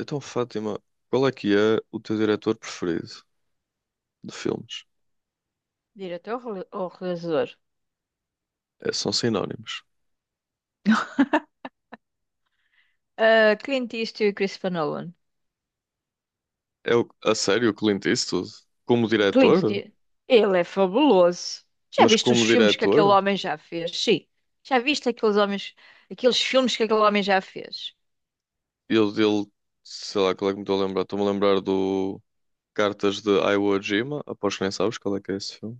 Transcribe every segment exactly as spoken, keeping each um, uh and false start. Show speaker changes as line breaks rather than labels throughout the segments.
Então, Fátima, qual é que é o teu diretor preferido de filmes?
Diretor rele- ou realizador?
É, são sinónimos.
Ah, Clint Eastwood e Christopher Nolan.
É o, a sério o Clint Eastwood? Como
Clint
diretor?
Eastwood, ele é fabuloso. Já
Mas
viste os
como
filmes que aquele
diretor?
homem já fez? Sim. Já viste aqueles homens, aqueles filmes que aquele homem já fez?
Eu dele, sei lá, qual é que me estou a lembrar? Estou-me a lembrar do Cartas de Iwo Jima. Aposto que nem sabes qual é que é esse filme.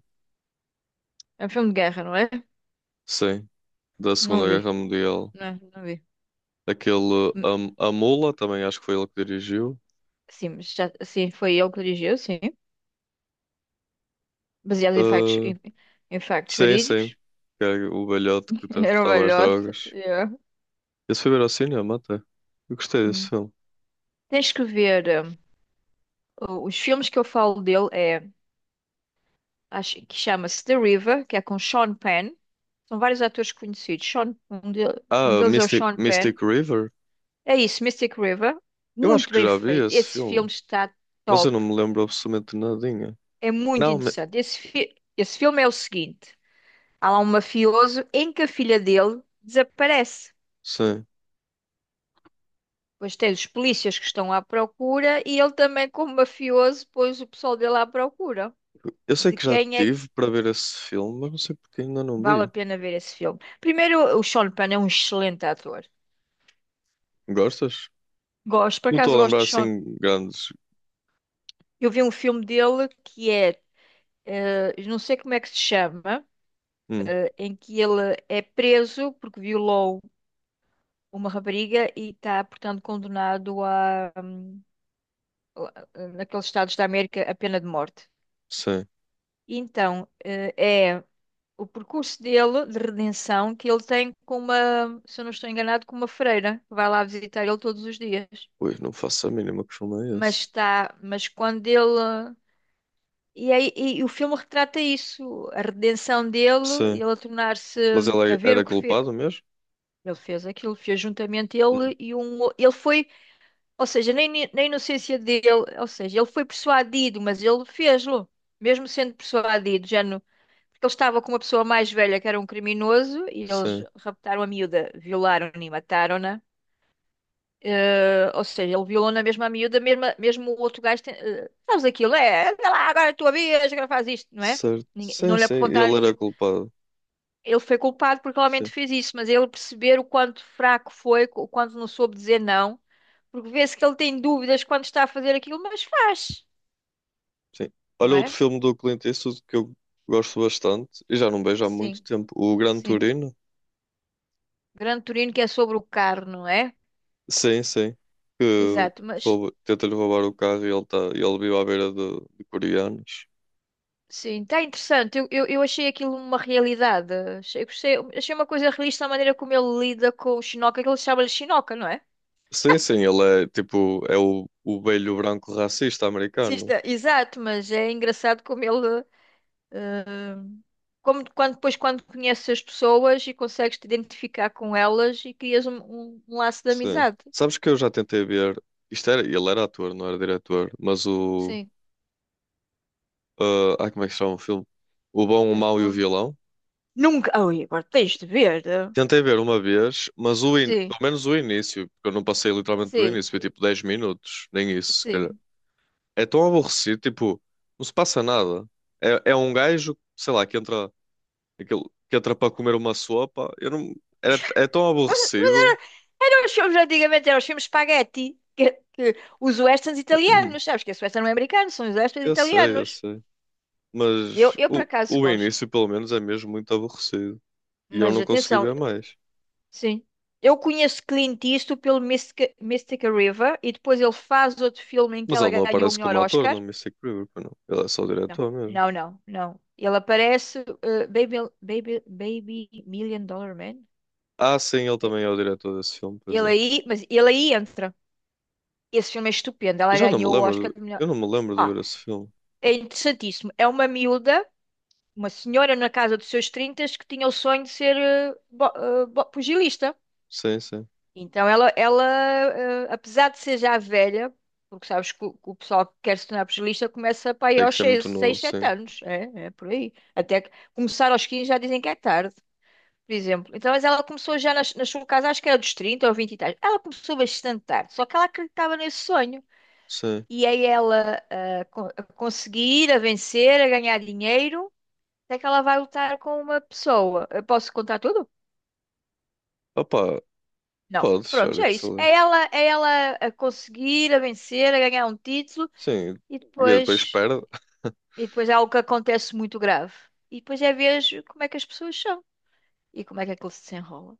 É um filme de guerra, não é?
Sim, da
Não
Segunda Guerra
vi.
Mundial.
Não, não vi.
Aquele
Hum.
um, A Mula, também acho que foi ele que dirigiu.
Sim, mas já, sim, foi ele que dirigiu, sim. Baseado em factos,
Uh,
em, em factos
sim, sim.
verídicos.
Que é o velhote que
Era um
transportava as
velhote.
drogas.
Yeah.
Esse foi ver ao cinema até. Eu gostei desse
Hum.
filme.
Tens que ver. hum, o- Os filmes que eu falo dele é acho que chama-se The River, que é com Sean Penn. São vários atores conhecidos. Sean, um, de- um
Ah,
deles é o
Mystic,
Sean Penn.
Mystic River?
É isso, Mystic River.
Eu acho
Muito
que
bem
já vi
feito.
esse
Esse
filme,
filme está
mas eu não
top.
me lembro absolutamente nadinha.
É muito
Não, me...
interessante. Esse, fi- esse filme é o seguinte: há lá um mafioso em que a filha dele desaparece.
sim.
Depois tem os polícias que estão à procura e ele também, como mafioso, pôs o pessoal dele à procura.
Eu sei
De
que já
quem é que
tive para ver esse filme, mas não sei porque ainda não
vale a
vi.
pena ver esse filme? Primeiro, o Sean Penn é um excelente ator.
Gostas?
Gosto, por
Não estou
acaso
a
gosto
lembrar
de Sean.
assim grandes.
Eu vi um filme dele que é, eh, não sei como é que se chama,
Hum,
eh, em que ele é preso porque violou uma rapariga e está, portanto, condenado a, a- naqueles estados da América, a pena de morte.
sim.
Então, eh, é o percurso dele de redenção que ele tem com uma, se eu não estou enganado, com uma freira que vai lá visitar ele todos os dias.
Ui, não faço a mínima que filme é
Mas
esse.
está, mas quando ele E, aí, e o filme retrata isso, a redenção dele, ele
Sim.
a tornar-se
Mas ele
a
é-
ver
era
o que fez.
culpado mesmo?
Ele fez aquilo, fez juntamente
Hum,
ele e um. o- Ele foi, ou seja, nem ni- na inocência dele, ou seja, ele foi persuadido, mas ele fez-lo, mesmo sendo persuadido, já no, porque ele estava com uma pessoa mais velha que era um criminoso e eles
sim.
raptaram a miúda, violaram-na e mataram-na. Eh, ou seja, ele violou na mesma miúda, mesmo, mesmo o outro gajo. Tem, eh, sabes aquilo? É, vai lá, agora é a tua vez, agora faz isto, não é?
Certo.
Ninguém-
Sim,
não lhe
sim,
apontaram
ele era
nenhum.
culpado.
Ele foi culpado porque realmente
Sim.
fez isso, mas ele perceber o quanto fraco foi, o quanto não soube dizer não, porque vê-se que ele tem dúvidas quando está a fazer aquilo, mas faz,
Sim.
não
Olha outro
é?
filme do Clint Eastwood que eu gosto bastante e já não vejo há muito
Sim,
tempo, o Gran
sim.
Turino.
Grande Turino que é sobre o carro, não é?
Sim, sim. Que
Exato, mas
rouba- tenta-lhe roubar o carro e ele, tá, e ele vive à beira de, de coreanos.
sim, está interessante. Eu, eu, eu achei aquilo uma realidade. Achei, gostei- achei uma coisa realista a maneira como ele lida com o Shinoka, que ele chama-lhe Shinoka, não é?
Sim, sim, ele é tipo, é o, o velho branco racista americano.
Existe- Exato, mas é engraçado como ele. eh, Como quando, depois, quando conheces as pessoas e consegues te identificar com elas e crias um, um, um laço de
Sim.
amizade.
Sabes que eu já tentei ver, isto era, ele era ator, não era diretor, mas o,
Sim,
ah, ai, como é que se chama o filme? O Bom, o Mau e o
respondo.
Vilão.
Nunca. Ai, agora tens de ver. Eh?
Tentei ver uma vez, mas o in...
Sim,
pelo menos o início, porque eu não passei literalmente do
sim,
início, foi tipo dez minutos, nem isso, se calhar.
sim.
É tão aborrecido, tipo, não se passa nada. É, é um gajo, sei lá, que entra, aquele, que entra para comer uma sopa. Eu não... Era, é tão
Mas era,
aborrecido.
eram os filmes antigamente, eram os filmes spaghetti, que, que- os westerns italianos, sabes que esse western não é americano, são os westerns
Eu sei, eu
italianos.
sei.
Eu,
Mas
eu por
o,
acaso
o
gosto,
início, pelo menos, é mesmo muito aborrecido. E eu
mas
não consegui
atenção,
ver mais.
sim. Eu conheço Clint Eastwood pelo Mystica, Mystica River e depois ele faz outro filme em que
Mas
ela
ele não
ganhou o
aparece
melhor
como ator,
Oscar.
não me sei que não. Ele é só o
Não,
diretor mesmo.
não, não, não. Ele aparece, eh, Baby, Baby, Baby Million Dollar Man.
Ah, sim, ele
Eh,
também é o diretor desse filme, pois
Ele
é.
aí, mas ele aí entra. Esse filme é estupendo.
Eu
Ela
já não me
ganhou o
lembro.
Oscar
de-
de melhor.
Eu não me lembro de
Ah,
ver esse filme.
é interessantíssimo. É uma miúda, uma senhora na casa dos seus trinta que tinha o sonho de ser eh, bo- eh, bo- pugilista.
Sim, sim.
Então ela, ela, eh, apesar de ser já velha, porque sabes que o, que o pessoal que quer se tornar pugilista começa para aí
Tem que
aos
ser
seis,
muito novo,
seis, sete
sim.
anos. É, é por aí. Até que começar aos quinze já dizem que é tarde, por exemplo. Então, mas ela começou já nas- na, sua casa, acho que era dos trinta ou vinte e tal. Ela começou bastante tarde, só que ela acreditava nesse sonho.
Sim.
E aí ela a, co- a conseguir, a vencer, a ganhar dinheiro até que ela vai lutar com uma pessoa. Eu posso contar tudo?
Opa,
Não.
podes,
Pronto,
olha
é
que se
isso. É
lixe.
ela, é ela a conseguir, a vencer, a ganhar um título
Sim,
e
e depois
depois,
perde.
e depois é algo que acontece muito grave. E depois é ver como é que as pessoas são e como é que aquilo se desenrola.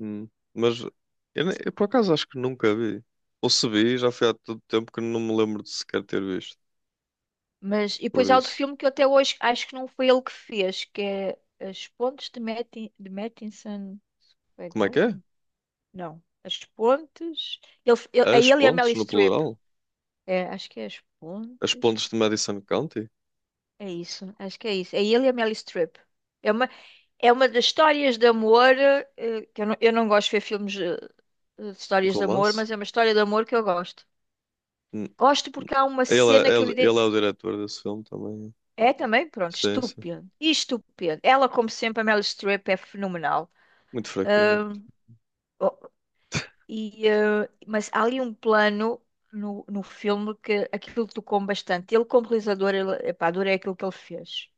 Hum, mas eu, ne- eu por acaso acho que nunca vi. Ou se vi, já foi há tanto tempo que não me lembro de sequer ter visto.
Mas e
Por
depois há outro
isso.
filme que eu até hoje acho que não foi ele que fez, que é As Pontes de, Matti- de Mattinson. Foi
Como é que é?
Garden? Não. As Pontes. Ele, ele, é
As
ele e a Meryl
Pontes, no
Streep.
plural?
É, acho que é As
As
Pontes.
Pontes de Madison County?
É isso, acho que é isso. É ele e a Meryl Streep. É uma, é uma das histórias de amor, eh, que eu não, eu não gosto de ver filmes eh, de
De
histórias de amor,
Romance?
mas é uma história de amor que eu gosto.
Hum,
Gosto
hum.
porque há uma
Ele
cena
é,
que eu...
ele ele
ide-
é o diretor desse filme também.
É também, pronto,
Sim, sim.
estúpida. E estúpida. Ela, como sempre, a Meryl Streep é fenomenal.
Muito fraquinho.
Oh, e, eh, mas há ali um plano no, no filme que aquilo tocou-me bastante. Ele, como realizador, ele, epá, adorei aquilo que ele fez.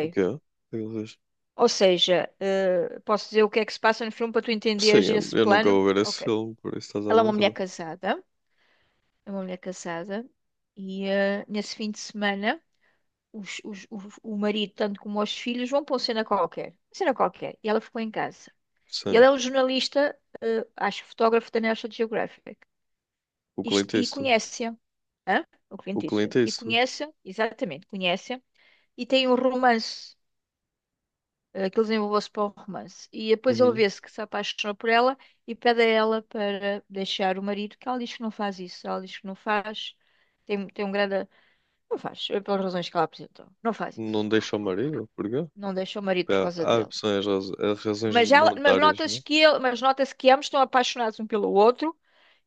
O quê? O que é que ele fez?
Ou seja, eh, posso dizer o que é que se passa no filme para tu
Sim,
entenderes
eu,
esse
eu nunca
plano?
vou ver esse
Ok.
filme, por isso estás à
Ela é uma mulher
vontade.
casada, é uma mulher casada, e eh, nesse fim de semana os- os- o, o marido, tanto como os filhos, vão para uma cena qualquer. Uma cena qualquer. E ela ficou em casa. E ele
Sim,
é um jornalista, eh, acho fotógrafo da National Geographic.
o
Isto-
Clint
E,
Eastwood.
conhece-a. Hã? O
O
Clint
Clint
Eastwood. E
Eastwood.
conhece-a, exatamente, conhece-a. E tem um romance aqueles envolveu-se para o romance. E depois ele
Uhum.
vê-se que se apaixona por ela e pede a ela para deixar o marido, que ela diz que não faz isso, ela diz que não faz, tem, tem um grande. Não faz, eh, pelas razões que ela apresentou, não faz
Não
isso.
deixa o marido? Porquê?
Não deixa o marido por
Pá,
causa
há
dele.
opções, raz- há razões
Mas, ela, mas
monetárias,
nota-se
né?
que ele, mas nota-se que ambos estão apaixonados um pelo outro.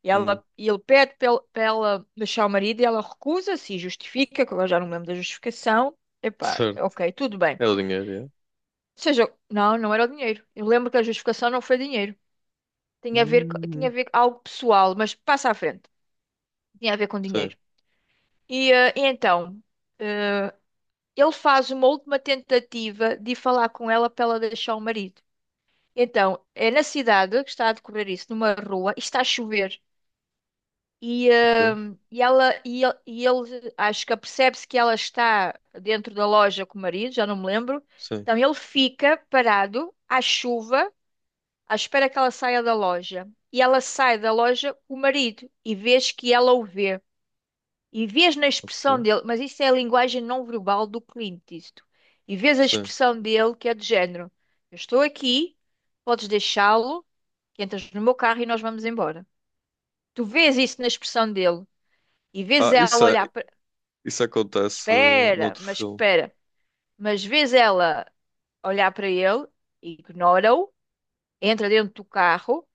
E,
Hum,
ela, e ele pede para ele- para ela deixar o marido e ela recusa-se e justifica, que agora já não me lembro da justificação. Epá,
certo.
ok, tudo bem.
É o dinheiro, é?
Ou seja, não, não era o dinheiro. Eu lembro que a justificação não foi dinheiro. Tinha a ver, co- tinha a
Hum,
ver com algo pessoal, mas passa à frente. Tinha a ver com
sim,
dinheiro. E, eh, e então, eh, ele faz uma última tentativa de ir falar com ela para ela deixar o marido. Então, é na cidade que está a decorrer isso, numa rua, e está a chover. E,
ok.
hum, e ela, e ele, e ele, acho que apercebe-se que ela está dentro da loja com o marido, já não me lembro.
Sim,
Então, ele fica parado à chuva à espera que ela saia da loja. E ela sai da loja com o marido e vês que ela o vê. E vês na expressão
ok.
dele, mas isso é a linguagem não verbal do Clint, isto. E vês a
Sim.
expressão dele que é do género: eu estou aqui, podes deixá-lo, que entras no meu carro e nós vamos embora. Tu vês isso na expressão dele e vês
Ah,
ela
isso, é-
olhar para.
isso acontece uh,
Espera,
noutro
mas
filme.
espera. Mas vês ela olhar para ele, ignora-o, entra dentro do carro.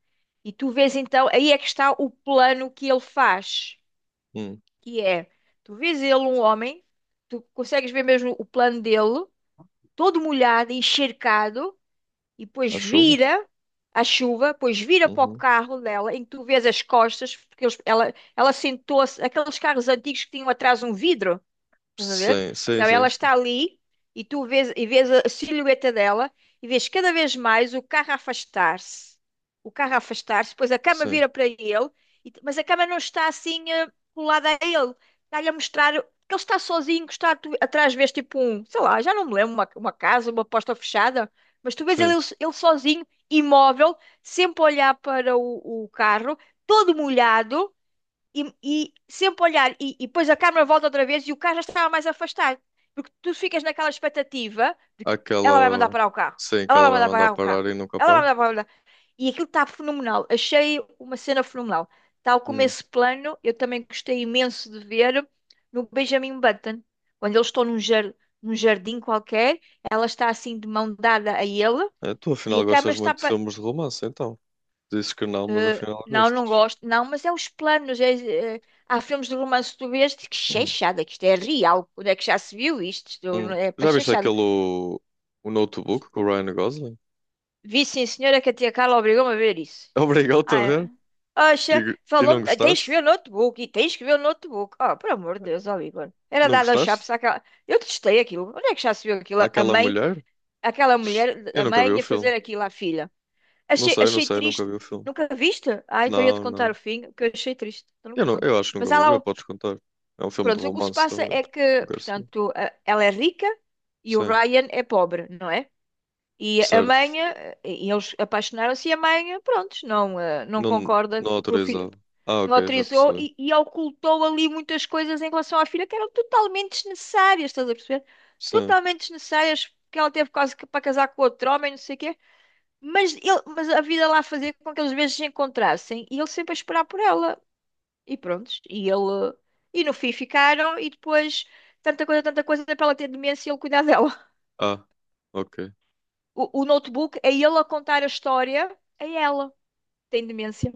E tu vês então, aí é que está o plano que ele faz,
Hum,
que é, tu vês ele um homem, tu consegues ver mesmo o plano dele, todo molhado, encharcado, e depois
a chuva?
vira a chuva, depois vira para o
Uhum.
carro dela, em que tu vês as costas, porque eles- ela, ela sentou-se, aqueles carros antigos que tinham atrás um vidro. Estás a ver?
Sim, sim,
Então
sim,
ela
sim.
está ali e tu vês, e vês a silhueta dela e vês cada vez mais o carro a afastar-se. O carro a afastar-se, depois a cama
Sim,
vira para ele, e- mas a cama não está assim eh, colada a ele. Está-lhe a mostrar que ele está sozinho, que está tu- atrás, vês tipo um, sei lá, já não me lembro, uma, uma casa, uma porta fechada, mas tu vês ele,
sim.
ele sozinho, imóvel, sempre a olhar para o o carro, todo molhado e, e sempre olhar, e, e depois a câmera volta outra vez e o carro já estava mais afastado, porque tu ficas naquela expectativa de que ela vai mandar
Aquela.
parar o carro,
Sim, que
ela
ela
vai
vai
mandar
mandar
parar o carro,
parar e nunca
ela vai
para.
mandar parar o carro, e aquilo está fenomenal, achei uma cena fenomenal. Tal como
Hum.
esse plano, eu também gostei imenso de ver no Benjamin Button, quando eles estão num, jar, num jardim qualquer, ela está assim de mão dada a ele.
É, tu
E
afinal
a câmera
gostas
está
muito de
pa-
filmes de romance, então. Dizes que não, mas
eh,
afinal
não, não
gostas.
gosto. Não, mas é os planos. É- é- há filmes de romance que tu vês diz, que
Hum.
chechada, que isto é real. Onde é que já se viu isto? Isto
Hum.
é para
Já viste
chechada.
aquele o, o Notebook com o Ryan Gosling?
Vi sim, senhora, que a tia Carla obrigou-me a ver isso.
Obrigado-te a ver?
Ah, oxa,
E, e não
falou-me, "Ah, tens que
gostaste?
ver o notebook e tens que ver o notebook. Oh, por amor de Deus, ó Igor. Era
Não
dado aos
gostaste?
chapos àquela. Eu testei aquilo. Onde é que já se viu aquilo? A
Aquela
mãe,
mulher?
aquela mulher,
Eu
a
nunca vi
mãe
o
a
filme.
fazer aquilo à filha.
Não
Achei,
sei, não
achei
sei, nunca vi
triste.
o filme.
Nunca viste? Ah, então ia-te
Não,
contar o
não.
fim, que eu achei triste. Então não
Eu, não,
conto.
eu acho que nunca
Mas há
vou
lá,
ver,
o-
podes contar. É um filme de
pronto, o que se
romance
passa
também.
é
Não
que,
quero saber.
portanto, a- ela é rica e o
Sim,
Ryan é pobre, não é? E a
certo.
mãe, eh, e eles apaixonaram-se e a mãe, pronto, não, eh, não
Não,
concorda
não
pro filho,
autorizava. Ah,
não
ok, já
autorizou
percebi.
e, e ocultou ali muitas coisas em relação à filha que eram totalmente desnecessárias, estás a perceber?
Sim.
Totalmente desnecessárias, porque ela teve quase que para casar com outro homem, não sei o quê. Mas, ele, mas a vida lá fazia com que eles às vezes se encontrassem e ele sempre a esperar por ela. E pronto, e ele. E no fim ficaram e depois tanta coisa, tanta coisa para ela ter demência e ele cuidar dela.
Ah, ok.
O, o notebook é ele a contar a história a ela. Tem demência.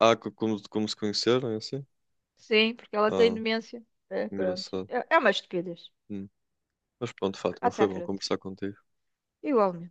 Ah, co- como, como se conheceram, é assim?
Sim, porque ela tem
Ah,
demência. É, pronto.
engraçado.
É, é uma estupidez.
Hum. Mas pronto, Fátima,
Passa
foi
à
bom
frente.
conversar contigo.
Igual